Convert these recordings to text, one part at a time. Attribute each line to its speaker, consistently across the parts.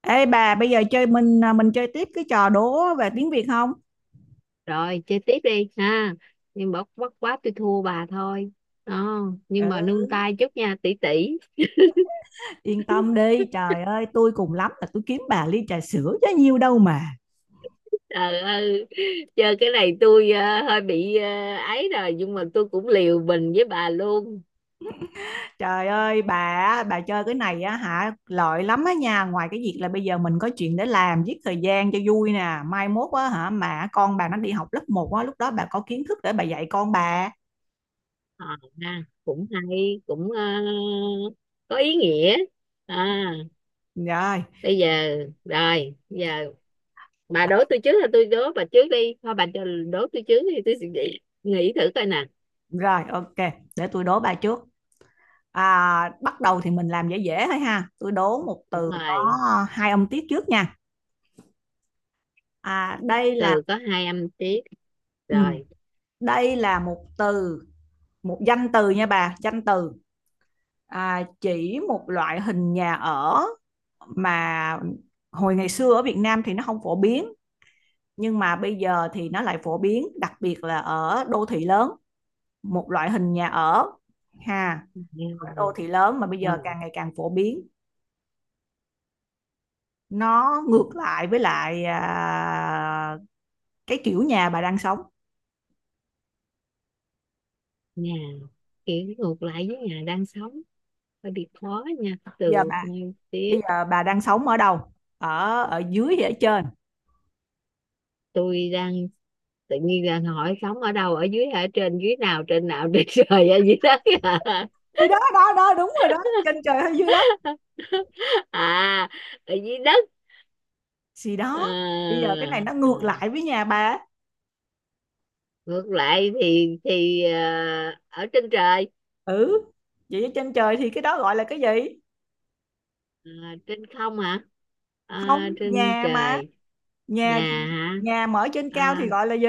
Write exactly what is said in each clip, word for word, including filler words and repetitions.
Speaker 1: Ê bà, bây giờ chơi mình à, mình chơi tiếp cái trò đố về tiếng Việt không?
Speaker 2: Rồi chơi tiếp đi ha. Nhưng mà bất quá tôi thua bà thôi đó,
Speaker 1: Ừ.
Speaker 2: nhưng mà nương tay chút nha tỷ tỷ.
Speaker 1: Yên tâm đi, trời ơi, tôi cùng lắm là tôi kiếm bà ly trà sữa chứ nhiêu đâu mà.
Speaker 2: Trời ơi, chơi cái này tôi ờ, hơi bị ờ, ấy rồi, nhưng mà tôi cũng liều mình với bà luôn.
Speaker 1: Trời ơi, bà á, bà chơi cái này á hả, lợi lắm á nha, ngoài cái việc là bây giờ mình có chuyện để làm, giết thời gian cho vui nè, mai mốt á hả mà con bà nó đi học lớp một á, lúc đó bà có kiến thức để bà dạy con bà.
Speaker 2: Ờ, ha, cũng hay, cũng ờ, có ý nghĩa. À,
Speaker 1: Rồi,
Speaker 2: bây giờ, rồi bây giờ bà đố tôi trước hay tôi đố bà trước đi, thôi bà cho đố tôi trước thì tôi sẽ nghĩ nghĩ thử coi nè.
Speaker 1: rồi ok, để tôi đố bà trước. À, bắt đầu thì mình làm dễ dễ thôi ha. Tôi đố một
Speaker 2: Đúng
Speaker 1: từ có
Speaker 2: rồi,
Speaker 1: hai âm tiết trước nha. À, đây là
Speaker 2: từ có hai âm tiết.
Speaker 1: ừ,
Speaker 2: Rồi,
Speaker 1: đây là một từ, một danh từ nha bà, danh từ. À, chỉ một loại hình nhà ở mà hồi ngày xưa ở Việt Nam thì nó không phổ biến, nhưng mà bây giờ thì nó lại phổ biến, đặc biệt là ở đô thị lớn, một loại hình nhà ở ha, ở đô thị lớn mà bây
Speaker 2: ờ,
Speaker 1: giờ càng ngày càng phổ biến. Nó ngược lại với lại à, cái kiểu nhà bà đang sống.
Speaker 2: nhà kiểu ngược lại với nhà đang sống, hơi bị khó nha
Speaker 1: giờ
Speaker 2: từ
Speaker 1: bà
Speaker 2: ngay tiếp.
Speaker 1: bây giờ bà đang sống ở đâu, ở ở dưới hay ở trên?
Speaker 2: Tôi đang tự nhiên đang hỏi sống ở đâu, ở dưới ở trên, dưới nào trên nào, trên trời hay dưới đất à.
Speaker 1: Thì đó đó đó đúng rồi đó, trên trời hay dưới đất
Speaker 2: À, ở dưới đất.
Speaker 1: gì
Speaker 2: À,
Speaker 1: đó. Bây giờ cái này nó ngược
Speaker 2: à,
Speaker 1: lại với nhà bà.
Speaker 2: ngược lại thì thì à, ở trên trời.
Speaker 1: Ừ, vậy ở trên trời thì cái đó gọi là cái gì?
Speaker 2: À, trên không hả?
Speaker 1: Không,
Speaker 2: À, trên
Speaker 1: nhà mà,
Speaker 2: trời.
Speaker 1: nhà
Speaker 2: Nhà hả?
Speaker 1: nhà mở trên cao thì
Speaker 2: À,
Speaker 1: gọi là gì?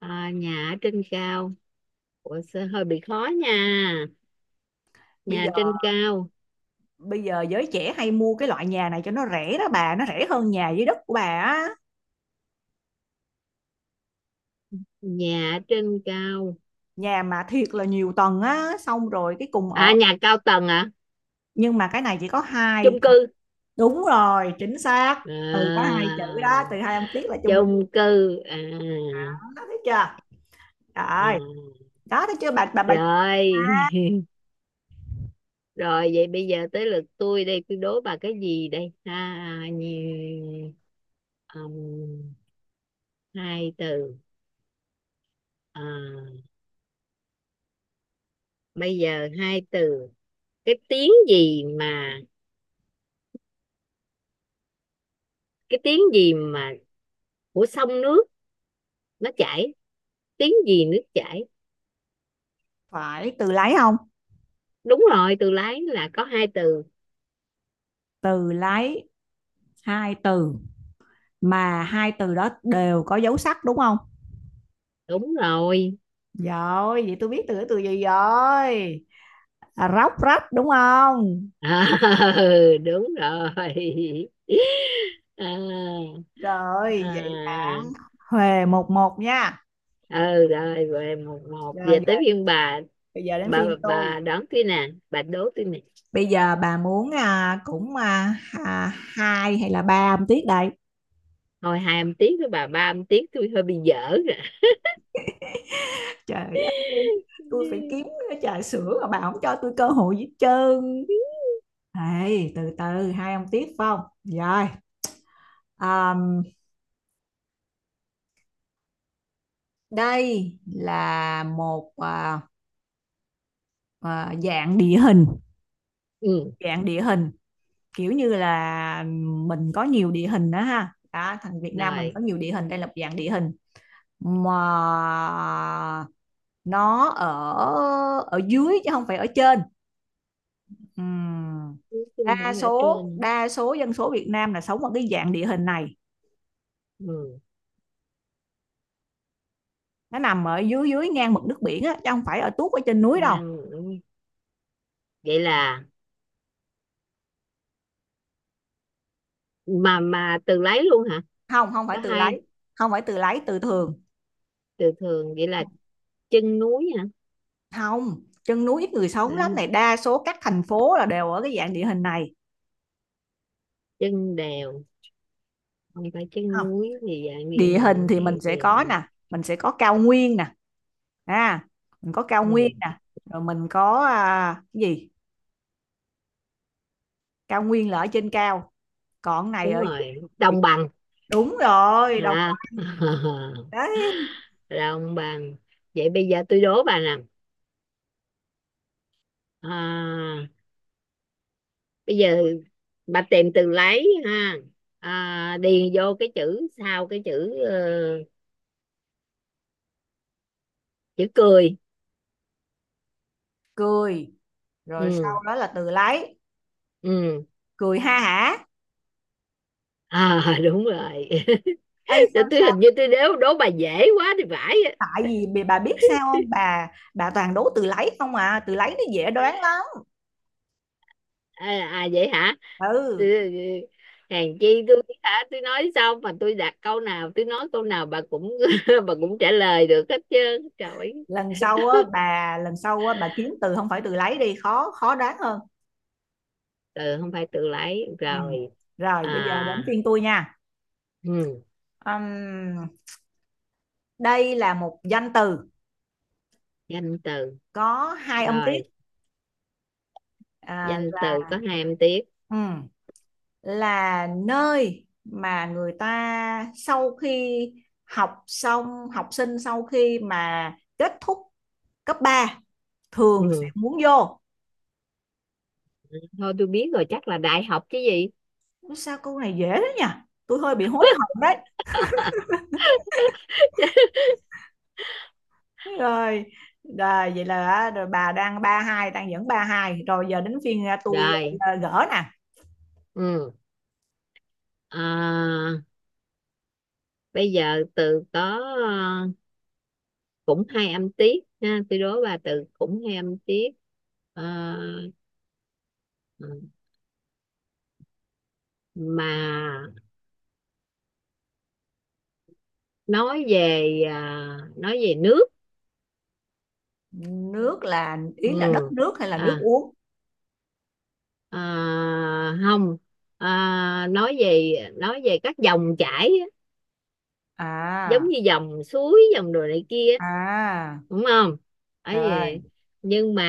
Speaker 2: à, nhà ở trên cao. Ủa, sẽ hơi bị khó nha.
Speaker 1: bây
Speaker 2: Nhà
Speaker 1: giờ
Speaker 2: trên cao.
Speaker 1: Bây giờ giới trẻ hay mua cái loại nhà này cho nó rẻ đó bà, nó rẻ hơn nhà dưới đất của bà á,
Speaker 2: Nhà trên cao.
Speaker 1: nhà mà thiệt là nhiều tầng á xong rồi cái cùng
Speaker 2: À,
Speaker 1: ở,
Speaker 2: nhà cao tầng à?
Speaker 1: nhưng mà cái này chỉ có hai.
Speaker 2: Chung cư.
Speaker 1: Đúng rồi, chính xác.
Speaker 2: À,
Speaker 1: Từ có hai chữ đó, từ hai âm tiết là chung cư.
Speaker 2: chung cư À,
Speaker 1: Đó, thấy chưa? Rồi,
Speaker 2: à.
Speaker 1: đó thấy chưa bà bà bà.
Speaker 2: Rồi. Rồi, vậy bây giờ tới lượt tôi đây, tôi đố bà cái gì đây ha. Nhiều, ừm, hai từ. À, bây giờ hai từ. Cái tiếng gì mà, cái tiếng gì mà của sông nước, nó chảy, tiếng gì nước chảy.
Speaker 1: Phải từ lấy không?
Speaker 2: Đúng rồi, từ lái là có hai từ.
Speaker 1: Từ lấy hai từ, mà hai từ đó đều có dấu sắc đúng không?
Speaker 2: Đúng rồi.
Speaker 1: Rồi, vậy tôi biết từ từ gì rồi. À, róc rách đúng không?
Speaker 2: À, đúng rồi. À, à,
Speaker 1: Rồi, vậy là
Speaker 2: à.
Speaker 1: huề một một nha.
Speaker 2: Ừ, rồi, về một một,
Speaker 1: Rồi,
Speaker 2: về
Speaker 1: giờ,
Speaker 2: tới phiên bà.
Speaker 1: bây giờ đến
Speaker 2: bà
Speaker 1: phiên
Speaker 2: bà
Speaker 1: tôi.
Speaker 2: đón tôi nè, bà đố tôi nè.
Speaker 1: Bây giờ bà muốn à, cũng à, à, hai hay là ba âm tiết đây?
Speaker 2: Thôi hai âm tiết với bà, ba âm tiết tôi hơi bị dở rồi.
Speaker 1: Trời ơi, tôi phải kiếm cái trà sữa mà bà không cho tôi cơ hội gì hết trơn. Hey, từ từ, hai ông tiếp phải không? Rồi, um, đây là một à, à, dạng địa hình,
Speaker 2: Ừ,
Speaker 1: dạng địa hình kiểu như là mình có nhiều địa hình đó ha. Đó, thằng Việt Nam mình
Speaker 2: rồi.
Speaker 1: có nhiều địa hình, đây là một dạng địa hình mà nó ở ở dưới chứ không phải ở trên. Ừm.
Speaker 2: Tôi
Speaker 1: Đa
Speaker 2: phải ở
Speaker 1: số
Speaker 2: trên.
Speaker 1: đa số dân số Việt Nam là sống ở cái dạng địa hình này,
Speaker 2: Ừ.
Speaker 1: nó nằm ở dưới dưới ngang mực nước biển á chứ không phải ở tuốt ở trên núi đâu.
Speaker 2: Đang, vậy là, mà mà từ lấy luôn hả?
Speaker 1: Không, không phải
Speaker 2: Có
Speaker 1: từ lấy,
Speaker 2: hai
Speaker 1: không phải từ lấy, từ thường.
Speaker 2: từ thường, vậy là chân núi hả?
Speaker 1: Không, chân núi ít người sống lắm, này
Speaker 2: Đó,
Speaker 1: đa số các thành phố là đều ở cái dạng địa hình này.
Speaker 2: chân đèo. Không phải chân
Speaker 1: Không,
Speaker 2: núi thì dạng địa
Speaker 1: địa hình
Speaker 2: hình
Speaker 1: thì
Speaker 2: này
Speaker 1: mình
Speaker 2: thì,
Speaker 1: sẽ có nè, mình sẽ có cao nguyên nè, à mình có cao nguyên
Speaker 2: ừ,
Speaker 1: nè, rồi mình có à, cái gì, cao nguyên là ở trên cao, còn này
Speaker 2: đúng
Speaker 1: ở dưới.
Speaker 2: rồi, đồng bằng.
Speaker 1: Đúng rồi, đồng.
Speaker 2: À,
Speaker 1: Đấy.
Speaker 2: đồng bằng. Vậy bây giờ tôi đố bà nè. À, bây giờ bà tìm từ lấy ha. À, điền vô cái chữ sau cái chữ ờ, chữ cười.
Speaker 1: Cười, rồi
Speaker 2: Ừ.
Speaker 1: sau đó là từ lấy.
Speaker 2: Ừ.
Speaker 1: Cười ha hả.
Speaker 2: À, đúng rồi.
Speaker 1: Ê,
Speaker 2: tôi
Speaker 1: sao
Speaker 2: tôi
Speaker 1: sao?
Speaker 2: hình như tôi đố đố bà dễ quá thì phải.
Speaker 1: Tại vì bị- bà biết sao không bà, bà toàn đố từ lấy không à, từ lấy nó dễ đoán lắm.
Speaker 2: À, à vậy hả? Ừ,
Speaker 1: Ừ,
Speaker 2: ừ, ừ. Hèn chi tôi hả, tôi nói xong mà tôi đặt câu nào, tôi nói câu nào bà cũng bà cũng trả lời được hết trơn, trời ơi.
Speaker 1: lần sau á bà, lần sau á bà kiếm từ không phải từ lấy đi, khó khó đoán hơn.
Speaker 2: Từ không phải tự lấy
Speaker 1: Ừ.
Speaker 2: rồi.
Speaker 1: Rồi bây giờ đến
Speaker 2: À,
Speaker 1: phiên tôi nha.
Speaker 2: ừ,
Speaker 1: Ừm, đây là một danh từ
Speaker 2: danh từ.
Speaker 1: có hai âm tiết,
Speaker 2: Rồi,
Speaker 1: à,
Speaker 2: danh từ có hai âm tiết.
Speaker 1: ừ, là nơi mà người ta sau khi học xong, học sinh sau khi mà kết thúc cấp ba thường sẽ
Speaker 2: Ừ.
Speaker 1: muốn vô.
Speaker 2: Thôi tôi biết rồi, chắc là đại học chứ gì.
Speaker 1: Sao câu này dễ thế nhỉ, tôi hơi bị hối hận đấy. Rồi, rồi vậy là, rồi bà đang ba hai, đang dẫn ba hai rồi, giờ đến phiên à, tôi
Speaker 2: Rồi.
Speaker 1: ờ, gỡ nè.
Speaker 2: Ừ. À, bây giờ từ có ờ, cũng hai âm tiết ha, tôi đố bà từ cũng hai âm tiết. À, mà nói về, à, nói về nước.
Speaker 1: Nước là ý là đất
Speaker 2: Ừ.
Speaker 1: nước hay là nước
Speaker 2: À,
Speaker 1: uống?
Speaker 2: à, không. À, nói về, nói về các dòng chảy á, giống
Speaker 1: À,
Speaker 2: như dòng suối, dòng đồ này kia á,
Speaker 1: à,
Speaker 2: đúng không? Ấy.
Speaker 1: rồi
Speaker 2: Nhưng mà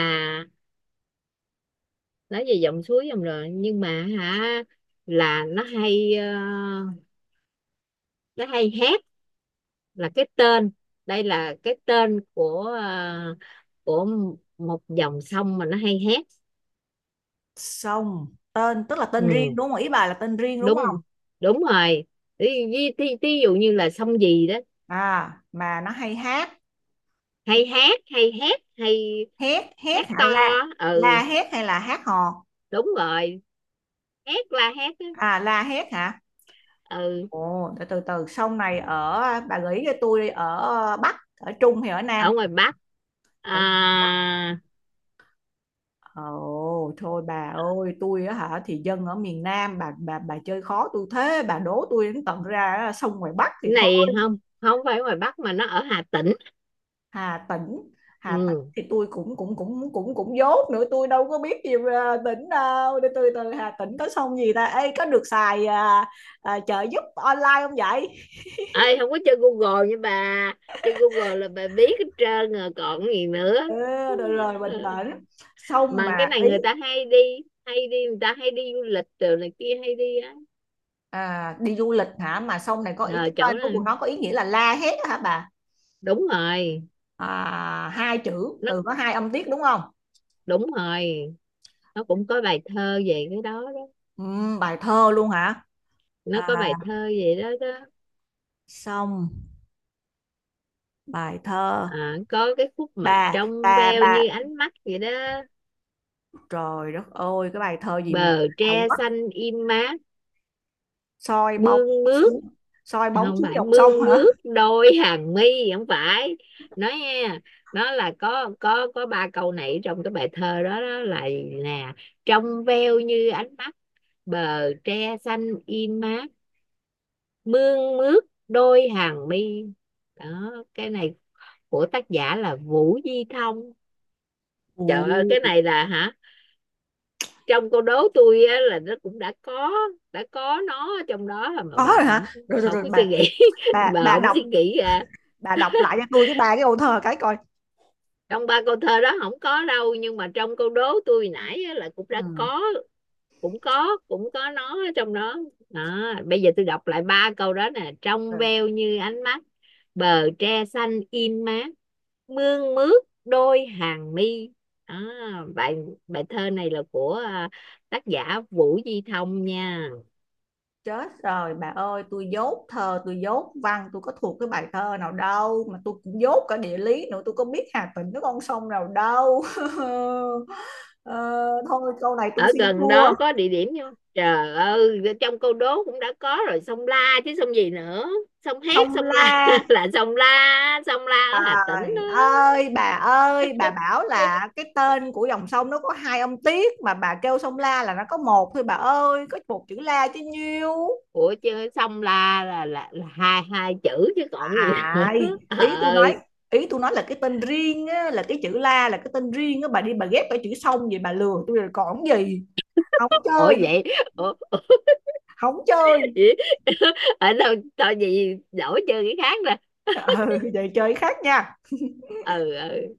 Speaker 2: nói về dòng suối dòng, rồi, nhưng mà hả, là nó hay ờ, nó hay hét, là cái tên, đây là cái tên của ờ, của một dòng sông mà nó hay hét.
Speaker 1: sông. Tên tức là tên riêng
Speaker 2: Ừ,
Speaker 1: đúng không, ý bà là tên riêng đúng?
Speaker 2: đúng, đúng rồi. Ví, ví, thí- thí dụ như là sông gì đó.
Speaker 1: À, mà nó hay hát?
Speaker 2: Hay hát, hay hét, hay
Speaker 1: Hét hét
Speaker 2: hát
Speaker 1: hả,
Speaker 2: to
Speaker 1: la?
Speaker 2: á. ừ,
Speaker 1: La hét hay là hát hò?
Speaker 2: đúng rồi, hét, la hét á.
Speaker 1: À, la hét hả?
Speaker 2: Ừ.
Speaker 1: Ồ, từ từ từ sông này ở, bà gợi ý cho tôi đi, ở Bắc ở Trung hay ở Nam?
Speaker 2: Ở ngoài Bắc.
Speaker 1: Ủa,
Speaker 2: À,
Speaker 1: ồ, thôi bà ơi, tôi á hả thì dân ở miền Nam, bà bà bà chơi khó tôi thế, bà đố tôi đến tận ra sông ngoài Bắc thì
Speaker 2: này,
Speaker 1: thôi.
Speaker 2: không không phải ngoài Bắc, mà nó ở Hà Tĩnh.
Speaker 1: Hà Tĩnh, Hà Tĩnh
Speaker 2: Ừ.
Speaker 1: thì tôi cũng cũng cũng cũng cũng dốt nữa, tôi đâu có biết gì về tỉnh đâu, để từ từ Hà Tĩnh có sông gì ta. Ê, có được xài à, à, trợ giúp online không vậy?
Speaker 2: Ơi, không có chơi Google nha bà, chơi Google là bà biết hết trơn rồi còn gì nữa.
Speaker 1: Ừ, rồi rồi bình tĩnh. Sông
Speaker 2: Mà cái
Speaker 1: mà
Speaker 2: này
Speaker 1: ý,
Speaker 2: người ta hay đi, hay đi, người ta hay đi du lịch từ này kia, hay đi á.
Speaker 1: à, đi du lịch hả, mà sông này có ý
Speaker 2: Ờ,
Speaker 1: cái
Speaker 2: chỗ
Speaker 1: tên của
Speaker 2: này
Speaker 1: nó có ý nghĩa là la hét á hả bà?
Speaker 2: đúng rồi.
Speaker 1: À, hai chữ, từ có hai âm tiết đúng không?
Speaker 2: Đúng rồi, nó cũng có bài thơ về cái đó đó.
Speaker 1: Ừm, bài thơ luôn hả?
Speaker 2: Nó
Speaker 1: À,
Speaker 2: có bài thơ về đó đó.
Speaker 1: sông, bài thơ,
Speaker 2: À, có cái khúc mà
Speaker 1: bà
Speaker 2: trong
Speaker 1: bà
Speaker 2: veo
Speaker 1: bà
Speaker 2: như ánh mắt vậy đó.
Speaker 1: Trời đất ơi, cái bài thơ gì mà
Speaker 2: Bờ
Speaker 1: à,
Speaker 2: tre
Speaker 1: quất,
Speaker 2: xanh im mát,
Speaker 1: soi bóng
Speaker 2: mương mướt.
Speaker 1: xuống, soi bóng
Speaker 2: Không
Speaker 1: xuống
Speaker 2: phải
Speaker 1: dòng sông
Speaker 2: mương
Speaker 1: hả?
Speaker 2: mướt đôi hàng mi, không phải. Nói nha, nó là có có có ba câu này trong cái bài thơ đó, đó là, nè: trong veo như ánh mắt, bờ tre xanh im mát, mương mướt đôi hàng mi. Đó, cái này của tác giả là Vũ Di Thông. Trời ơi, cái
Speaker 1: Ồ,
Speaker 2: này là hả, trong câu đố tôi á, là nó cũng đã có, đã có nó trong đó mà
Speaker 1: có
Speaker 2: bà
Speaker 1: rồi hả?
Speaker 2: không,
Speaker 1: Rồi rồi
Speaker 2: không
Speaker 1: rồi
Speaker 2: có
Speaker 1: bà,
Speaker 2: suy nghĩ.
Speaker 1: bà
Speaker 2: Bà
Speaker 1: bà
Speaker 2: không
Speaker 1: đọc,
Speaker 2: suy nghĩ ra.
Speaker 1: bà đọc lại cho tôi cái bài cái ô thơ cái coi.
Speaker 2: Trong ba câu thơ đó không có đâu, nhưng mà trong câu đố tôi nãy á, là cũng đã
Speaker 1: Ừ.
Speaker 2: có, cũng có, cũng có nó ở trong đó. Đó, bây giờ tôi đọc lại ba câu đó nè: trong
Speaker 1: Rồi.
Speaker 2: veo như ánh mắt, bờ tre xanh in mát, mương mướt đôi hàng mi. Đó, bài, bài thơ này là của à, tác giả Vũ Duy Thông nha.
Speaker 1: Chết rồi bà ơi, tôi dốt thơ, tôi dốt văn, tôi có thuộc cái bài thơ nào đâu, mà tôi cũng dốt cả địa lý nữa, tôi có biết Hà Tĩnh nó con sông nào đâu. Ờ, thôi câu này tôi
Speaker 2: Ở
Speaker 1: xin
Speaker 2: gần
Speaker 1: thua.
Speaker 2: đó có địa điểm không, trời ơi, trong câu đố cũng đã có rồi, sông La chứ sông gì nữa. Sông Hét,
Speaker 1: Sông
Speaker 2: sông La,
Speaker 1: La.
Speaker 2: là sông La, sông La ở Hà Tĩnh.
Speaker 1: Trời ơi bà ơi, bà bảo
Speaker 2: Đó.
Speaker 1: là cái tên của dòng sông nó có hai ông Tiết, mà bà kêu sông La là nó có một thôi bà ơi, có một chữ La chứ nhiêu.
Speaker 2: Ủa chứ xong la là là, là hai, hai chữ chứ còn gì nữa.
Speaker 1: À, ý tôi
Speaker 2: Ờ.
Speaker 1: nói, ý tôi nói là cái tên riêng á, là cái chữ La là cái tên riêng á, bà đi bà ghép cái chữ sông, vậy bà lừa tôi rồi còn gì. Không
Speaker 2: Ủa
Speaker 1: chơi,
Speaker 2: vậy. Ủa, ủa,
Speaker 1: không chơi.
Speaker 2: vậy? Ở đâu tao gì, đổi chơi cái khác nè.
Speaker 1: Ừ, vậy chơi khác nha.
Speaker 2: Ừ, ừ.